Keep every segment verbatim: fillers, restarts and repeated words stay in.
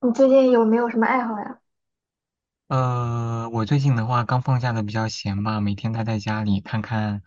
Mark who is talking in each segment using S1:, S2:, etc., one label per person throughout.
S1: 你最近有没有什么爱好呀？
S2: 呃，我最近的话刚放假的比较闲吧，每天待在家里看看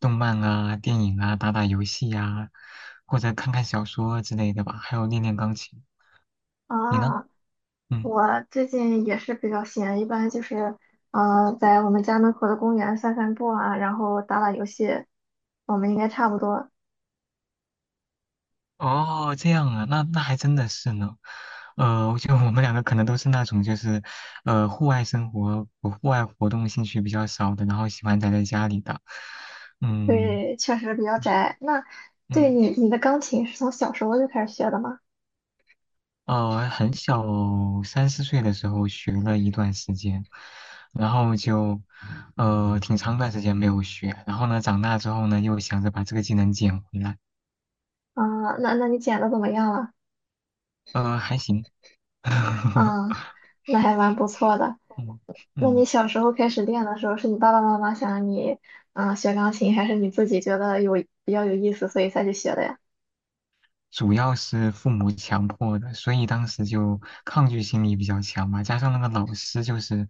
S2: 动漫啊、电影啊、打打游戏呀、或者看看小说之类的吧，还有练练钢琴。你呢？
S1: 啊，
S2: 嗯。
S1: 我最近也是比较闲，一般就是呃，在我们家门口的公园散散步啊，然后打打游戏，我们应该差不多。
S2: 哦，这样啊，那那还真的是呢。呃，我觉得我们两个可能都是那种就是，呃，户外生活、户外活动兴趣比较少的，然后喜欢宅在家里的。嗯
S1: 对，确实比较宅。那，对，
S2: 嗯。
S1: 你你的钢琴是从小时候就开始学的吗？
S2: 哦，很小，三四岁的时候学了一段时间，然后就，呃，挺长段时间没有学，然后呢，长大之后呢，又想着把这个技能捡回来。
S1: 啊，那那你剪的怎么样了？
S2: 呃，还行。
S1: 啊，那还蛮不错的。
S2: 嗯
S1: 那你
S2: 嗯。
S1: 小时候开始练的时候，是你爸爸妈妈想让你嗯、呃学钢琴，还是你自己觉得有比较有意思，所以才去学的呀？
S2: 主要是父母强迫的，所以当时就抗拒心理比较强嘛。加上那个老师就是，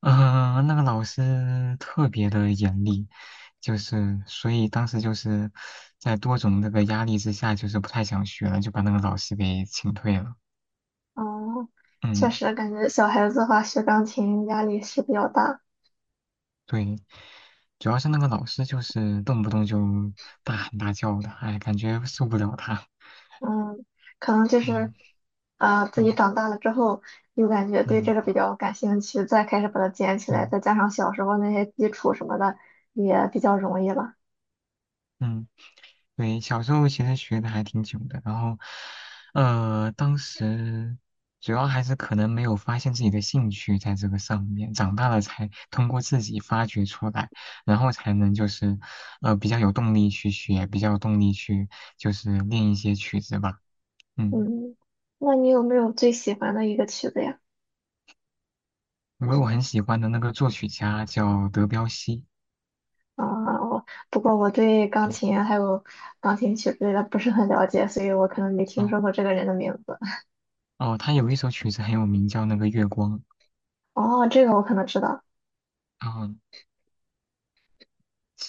S2: 呃，那个老师特别的严厉，就是所以当时就是在多种那个压力之下，就是不太想学了，就把那个老师给请退了。
S1: 哦，确
S2: 嗯。
S1: 实感觉小孩子的话学钢琴压力是比较大。
S2: 对，主要是那个老师就是动不动就大喊大叫的，哎，感觉受不了他。
S1: 嗯，可能就是
S2: 嗯
S1: 啊、自
S2: 嗯
S1: 己长大了之后又感觉对这
S2: 嗯，
S1: 个比较感兴趣，再开始把它捡起
S2: 对，
S1: 来，再加上小时候那些基础什么的也比较容易了。
S2: 嗯。对，小时候其实学的还挺久的，然后，呃，当时主要还是可能没有发现自己的兴趣在这个上面，长大了才通过自己发掘出来，然后才能就是，呃，比较有动力去学，比较有动力去就是练一些曲子吧。嗯。
S1: 嗯，那你有没有最喜欢的一个曲子呀？
S2: 因为我很喜欢的那个作曲家叫德彪西。
S1: 啊、我不过我对钢
S2: 嗯。
S1: 琴还有钢琴曲之类的不是很了解，所以我可能没听
S2: 哦
S1: 说过这个人的名字。
S2: 哦，他有一首曲子很有名，叫那个月光。
S1: 哦，这个我可能知道。
S2: 啊。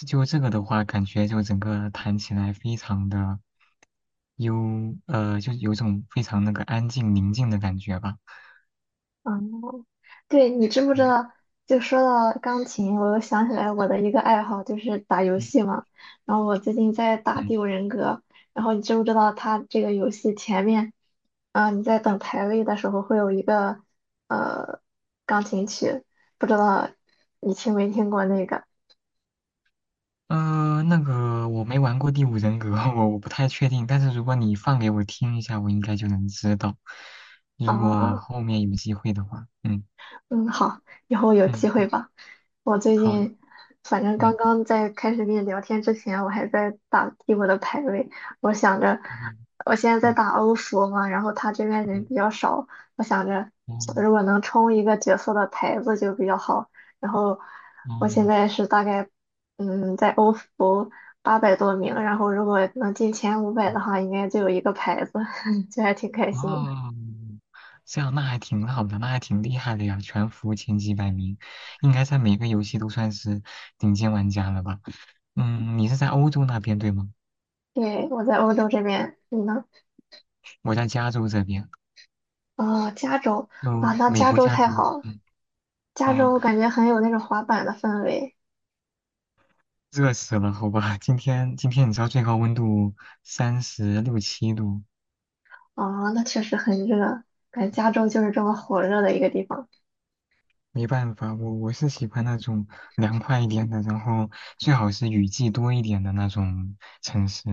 S2: 就这个的话，感觉就整个弹起来非常的。有呃，就有种非常那个安静宁静的感觉吧。
S1: 哦，对，你知不知
S2: 嗯
S1: 道？就说到钢琴，我又想起来我的一个爱好就是打游
S2: 嗯
S1: 戏嘛。然后我最近在打
S2: 嗯。
S1: 《第五人格》，然后你知不知道它这个游戏前面，啊、你在等排位的时候会有一个呃钢琴曲，不知道你听没听过那个
S2: 呃，那个我没玩过《第五人格》我我不太确定。但是如果你放给我听一下，我应该就能知道。
S1: 啊？
S2: 如果
S1: 哦
S2: 后面有机会的话，嗯。
S1: 嗯，好，以后有机
S2: 嗯，
S1: 会吧。我最
S2: 好，
S1: 近，反正刚
S2: 对，
S1: 刚在开始跟你聊天之前，我还在打帝国的排位。我想着，
S2: 哦
S1: 我现在在
S2: 哦，
S1: 打欧服嘛，然后他这边人
S2: 对。
S1: 比较少，我想着如果
S2: 哦
S1: 能冲一个角色的牌子就比较好。然后我现
S2: 哦
S1: 在是大概，嗯，在欧服八百多名，然后如果能进前五百
S2: 哦
S1: 的话，应该就有一个牌子，就还挺开心的。
S2: 哦，这样那还挺好的，那还挺厉害的呀，全服前几百名，应该在每个游戏都算是顶尖玩家了吧。嗯。你是在欧洲那边对吗？
S1: 对，我在欧洲这边，你呢？
S2: 我在加州这边，
S1: 哦，加州啊，
S2: 就
S1: 那
S2: 美
S1: 加
S2: 国
S1: 州
S2: 加
S1: 太
S2: 州。
S1: 好了，
S2: 嗯。
S1: 加
S2: 啊，
S1: 州感觉很有那种滑板的氛围
S2: 热死了，好吧，今天今天你知道最高温度三十六七度。
S1: 啊，那确实很热，感觉加州就是这么火热的一个地方。
S2: 没办法，我我是喜欢那种凉快一点的，然后最好是雨季多一点的那种城市，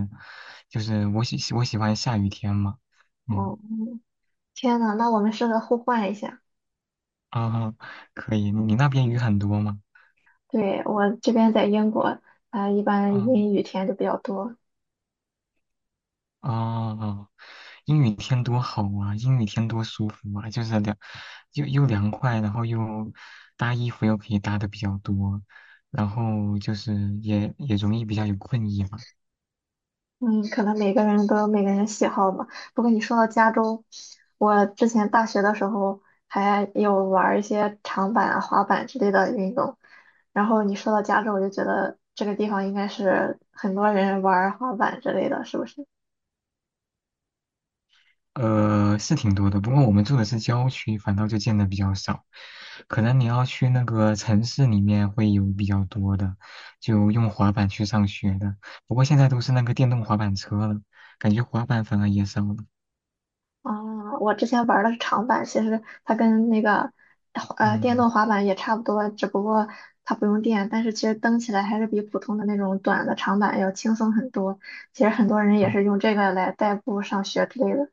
S2: 就是我喜我喜欢下雨天嘛。嗯。
S1: 哦，天呐，那我们适合互换一下。
S2: 啊，可以，你你那边雨很多吗？
S1: 对，我这边在英国，啊、一般
S2: 啊。
S1: 阴雨天就比较多，
S2: 哦，阴雨天多好啊！阴雨天多舒服啊！就是凉，又又凉快，然后又搭衣服又可以搭的比较多，然后就是也也容易比较有困意嘛。
S1: 嗯，可能每个人都有每个人喜好吧。不过你说到加州，我之前大学的时候还有玩儿一些长板啊、滑板之类的运动。然后你说到加州，我就觉得这个地方应该是很多人玩儿滑板之类的，是不是？
S2: 呃，是挺多的，不过我们住的是郊区，反倒就见的比较少。可能你要去那个城市里面会有比较多的，就用滑板去上学的。不过现在都是那个电动滑板车了，感觉滑板反而也少了。
S1: 啊，我之前玩的是长板，其实它跟那个呃电
S2: 嗯。
S1: 动滑板也差不多，只不过它不用电，但是其实蹬起来还是比普通的那种短的长板要轻松很多。其实很多人也是用这个来代步上学之类的。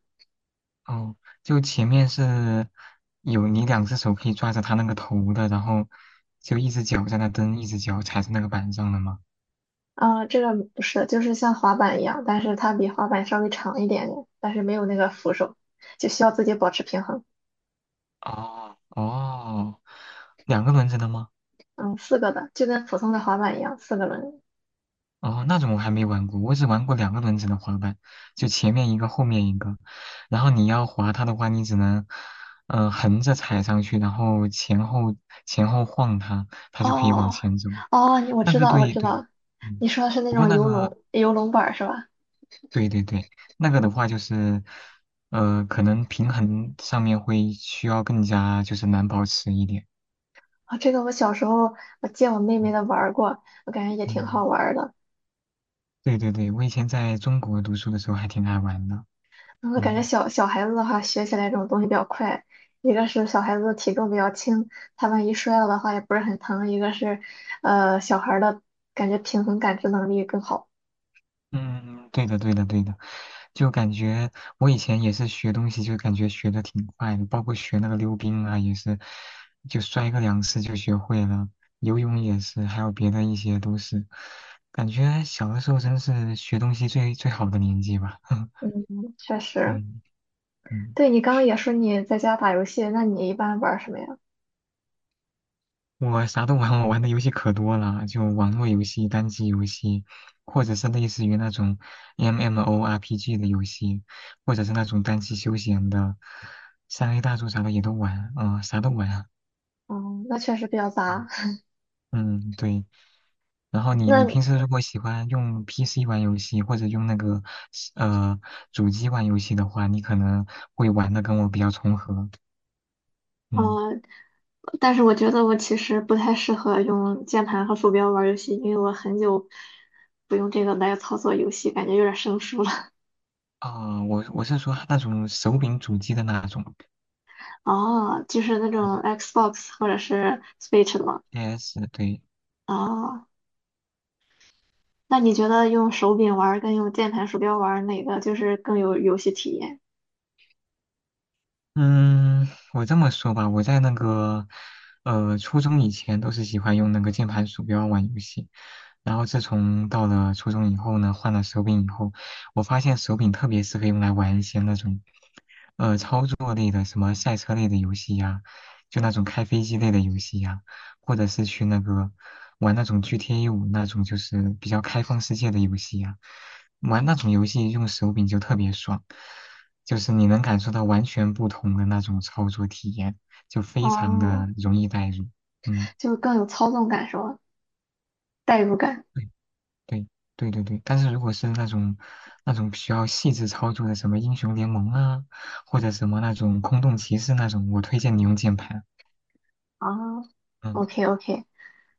S2: 哦，就前面是有你两只手可以抓着它那个头的，然后就一只脚在那蹬，一只脚踩在那个板上的吗？
S1: 啊，这个不是，就是像滑板一样，但是它比滑板稍微长一点点，但是没有那个扶手，就需要自己保持平衡。
S2: 哦哦，两个轮子的吗？
S1: 嗯，四个的，就跟普通的滑板一样，四个轮。
S2: 哦，那种我还没玩过，我只玩过两个轮子的滑板，就前面一个，后面一个。然后你要滑它的话，你只能嗯、呃横着踩上去，然后前后前后晃它，它就可以往
S1: 哦，
S2: 前走。
S1: 哦，你我
S2: 那
S1: 知
S2: 个，
S1: 道，我
S2: 对
S1: 知
S2: 对。
S1: 道，
S2: 嗯。
S1: 你说的是那
S2: 不过
S1: 种
S2: 那
S1: 游
S2: 个。
S1: 龙游龙板儿是吧？
S2: 对对对，那个的话就是，呃，可能平衡上面会需要更加就是难保持一点。
S1: 啊、这个我小时候我借我妹妹
S2: 嗯。
S1: 的玩儿过，我感觉也挺好
S2: 嗯，
S1: 玩儿的。
S2: 对对对，我以前在中国读书的时候还挺爱玩的。
S1: 嗯，我感觉
S2: 嗯
S1: 小小孩子的话学起来这种东西比较快，一个是小孩子的体重比较轻，他万一摔了的话也不是很疼；一个是，呃，小孩儿的感觉平衡感知能力更好。
S2: 嗯，对的对的对的，就感觉我以前也是学东西，就感觉学的挺快的，包括学那个溜冰啊，也是就摔个两次就学会了，游泳也是，还有别的一些都是，感觉小的时候真是学东西最最好的年纪吧。
S1: 嗯，确实。
S2: 嗯。嗯，
S1: 对，你刚刚也说你在家打游戏，那你一般玩儿什么呀？
S2: 我啥都玩，我玩的游戏可多了，就网络游戏、单机游戏，或者是类似于那种 M M O R P G 的游戏，或者是那种单机休闲的，三 A 大作啥的也都玩，啊，啥都玩啊。
S1: 嗯，那确实比较杂。
S2: 嗯，嗯，对。然后你你
S1: 那，
S2: 平时如果喜欢用 P C 玩游戏，或者用那个呃主机玩游戏的话，你可能会玩的跟我比较重合。
S1: 嗯，
S2: 嗯。
S1: 呃但是我觉得我其实不太适合用键盘和鼠标玩游戏，因为我很久不用这个来操作游戏，感觉有点生疏了。
S2: 啊、我我是说那种手柄主机的那种。
S1: 哦，就是那种 Xbox 或者是 Switch 的吗？
S2: S 对。
S1: 哦，那你觉得用手柄玩儿跟用键盘鼠标玩儿哪个就是更有游戏体验？
S2: 嗯，我这么说吧，我在那个呃初中以前都是喜欢用那个键盘鼠标玩游戏。然后自从到了初中以后呢，换了手柄以后，我发现手柄特别适合用来玩一些那种，呃，操作类的，什么赛车类的游戏呀，就那种开飞机类的游戏呀，或者是去那个玩那种 G T A 五那种就是比较开放世界的游戏呀，玩那种游戏用手柄就特别爽，就是你能感受到完全不同的那种操作体验，就非常的
S1: 哦，
S2: 容易代入。嗯。
S1: 就更有操纵感是吧？代入感。
S2: 对对对对对，但是如果是那种那种需要细致操作的，什么英雄联盟啊，或者什么那种空洞骑士那种，我推荐你用键盘。
S1: 啊 o
S2: 嗯。
S1: k OK。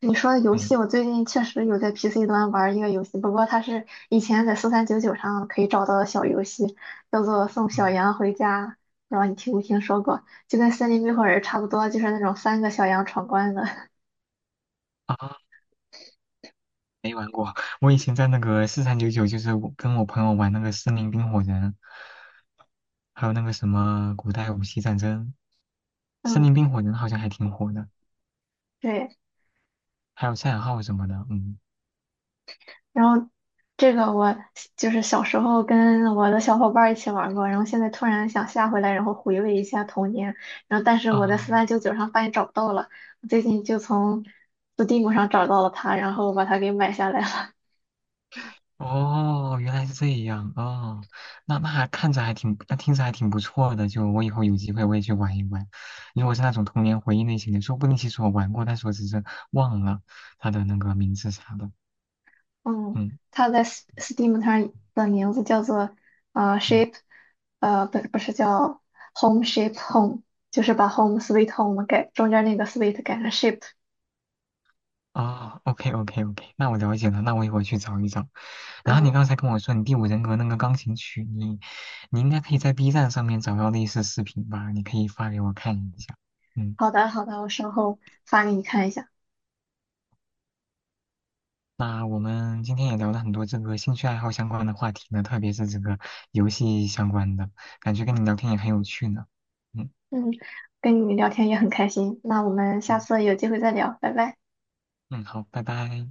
S1: 你说的游
S2: 对。
S1: 戏，我最近确实有在 P C 端玩一个游戏，不过它是以前在四三九九上可以找到的小游戏，叫做《送
S2: 嗯。
S1: 小羊回家》，不知道你听没听说过？就跟《森林冰火人》差不多，就是那种三个小羊闯关的。
S2: 啊，没玩过。我以前在那个四三九九，就是我跟我朋友玩那个《森林冰火人》，还有那个什么古代武器战争，《森
S1: 嗯，
S2: 林冰火人》好像还挺火的，
S1: 对。
S2: 还有赛尔号什么的。嗯。
S1: 然后这个我就是小时候跟我的小伙伴儿一起玩过，然后现在突然想下回来，然后回味一下童年。然后但是我在
S2: 啊。
S1: 四三九九上发现找不到了，我最近就从 Steam 上找到了它，然后把它给买下来了。
S2: 哦，原来是这样哦，那那还看着还挺，那听着还挺不错的。就我以后有机会我也去玩一玩。如果是那种童年回忆类型的，说不定其实我玩过，但是我只是忘了它的那个名字啥的。
S1: 嗯，
S2: 嗯
S1: 它在 S- Steam 上的名字叫做呃
S2: 嗯。
S1: Shape，呃不不是叫 Home Shape Home，就是把 Home Sweet Home 改中间那个 Sweet 改成 Shape。
S2: 哦，OK OK OK，那我了解了，那我一会儿去找一找。然后你
S1: 嗯，
S2: 刚才跟我说你第五人格那个钢琴曲，你你应该可以在 B 站上面找到类似视频吧？你可以发给我看一下。嗯。
S1: 好的好的，我稍后发给你看一下。
S2: 那我们今天也聊了很多这个兴趣爱好相关的话题呢，特别是这个游戏相关的，感觉跟你聊天也很有趣呢。嗯
S1: 嗯，跟你聊天也很开心，那我们下
S2: 嗯
S1: 次有机会再聊，拜拜。
S2: 嗯，好，拜拜。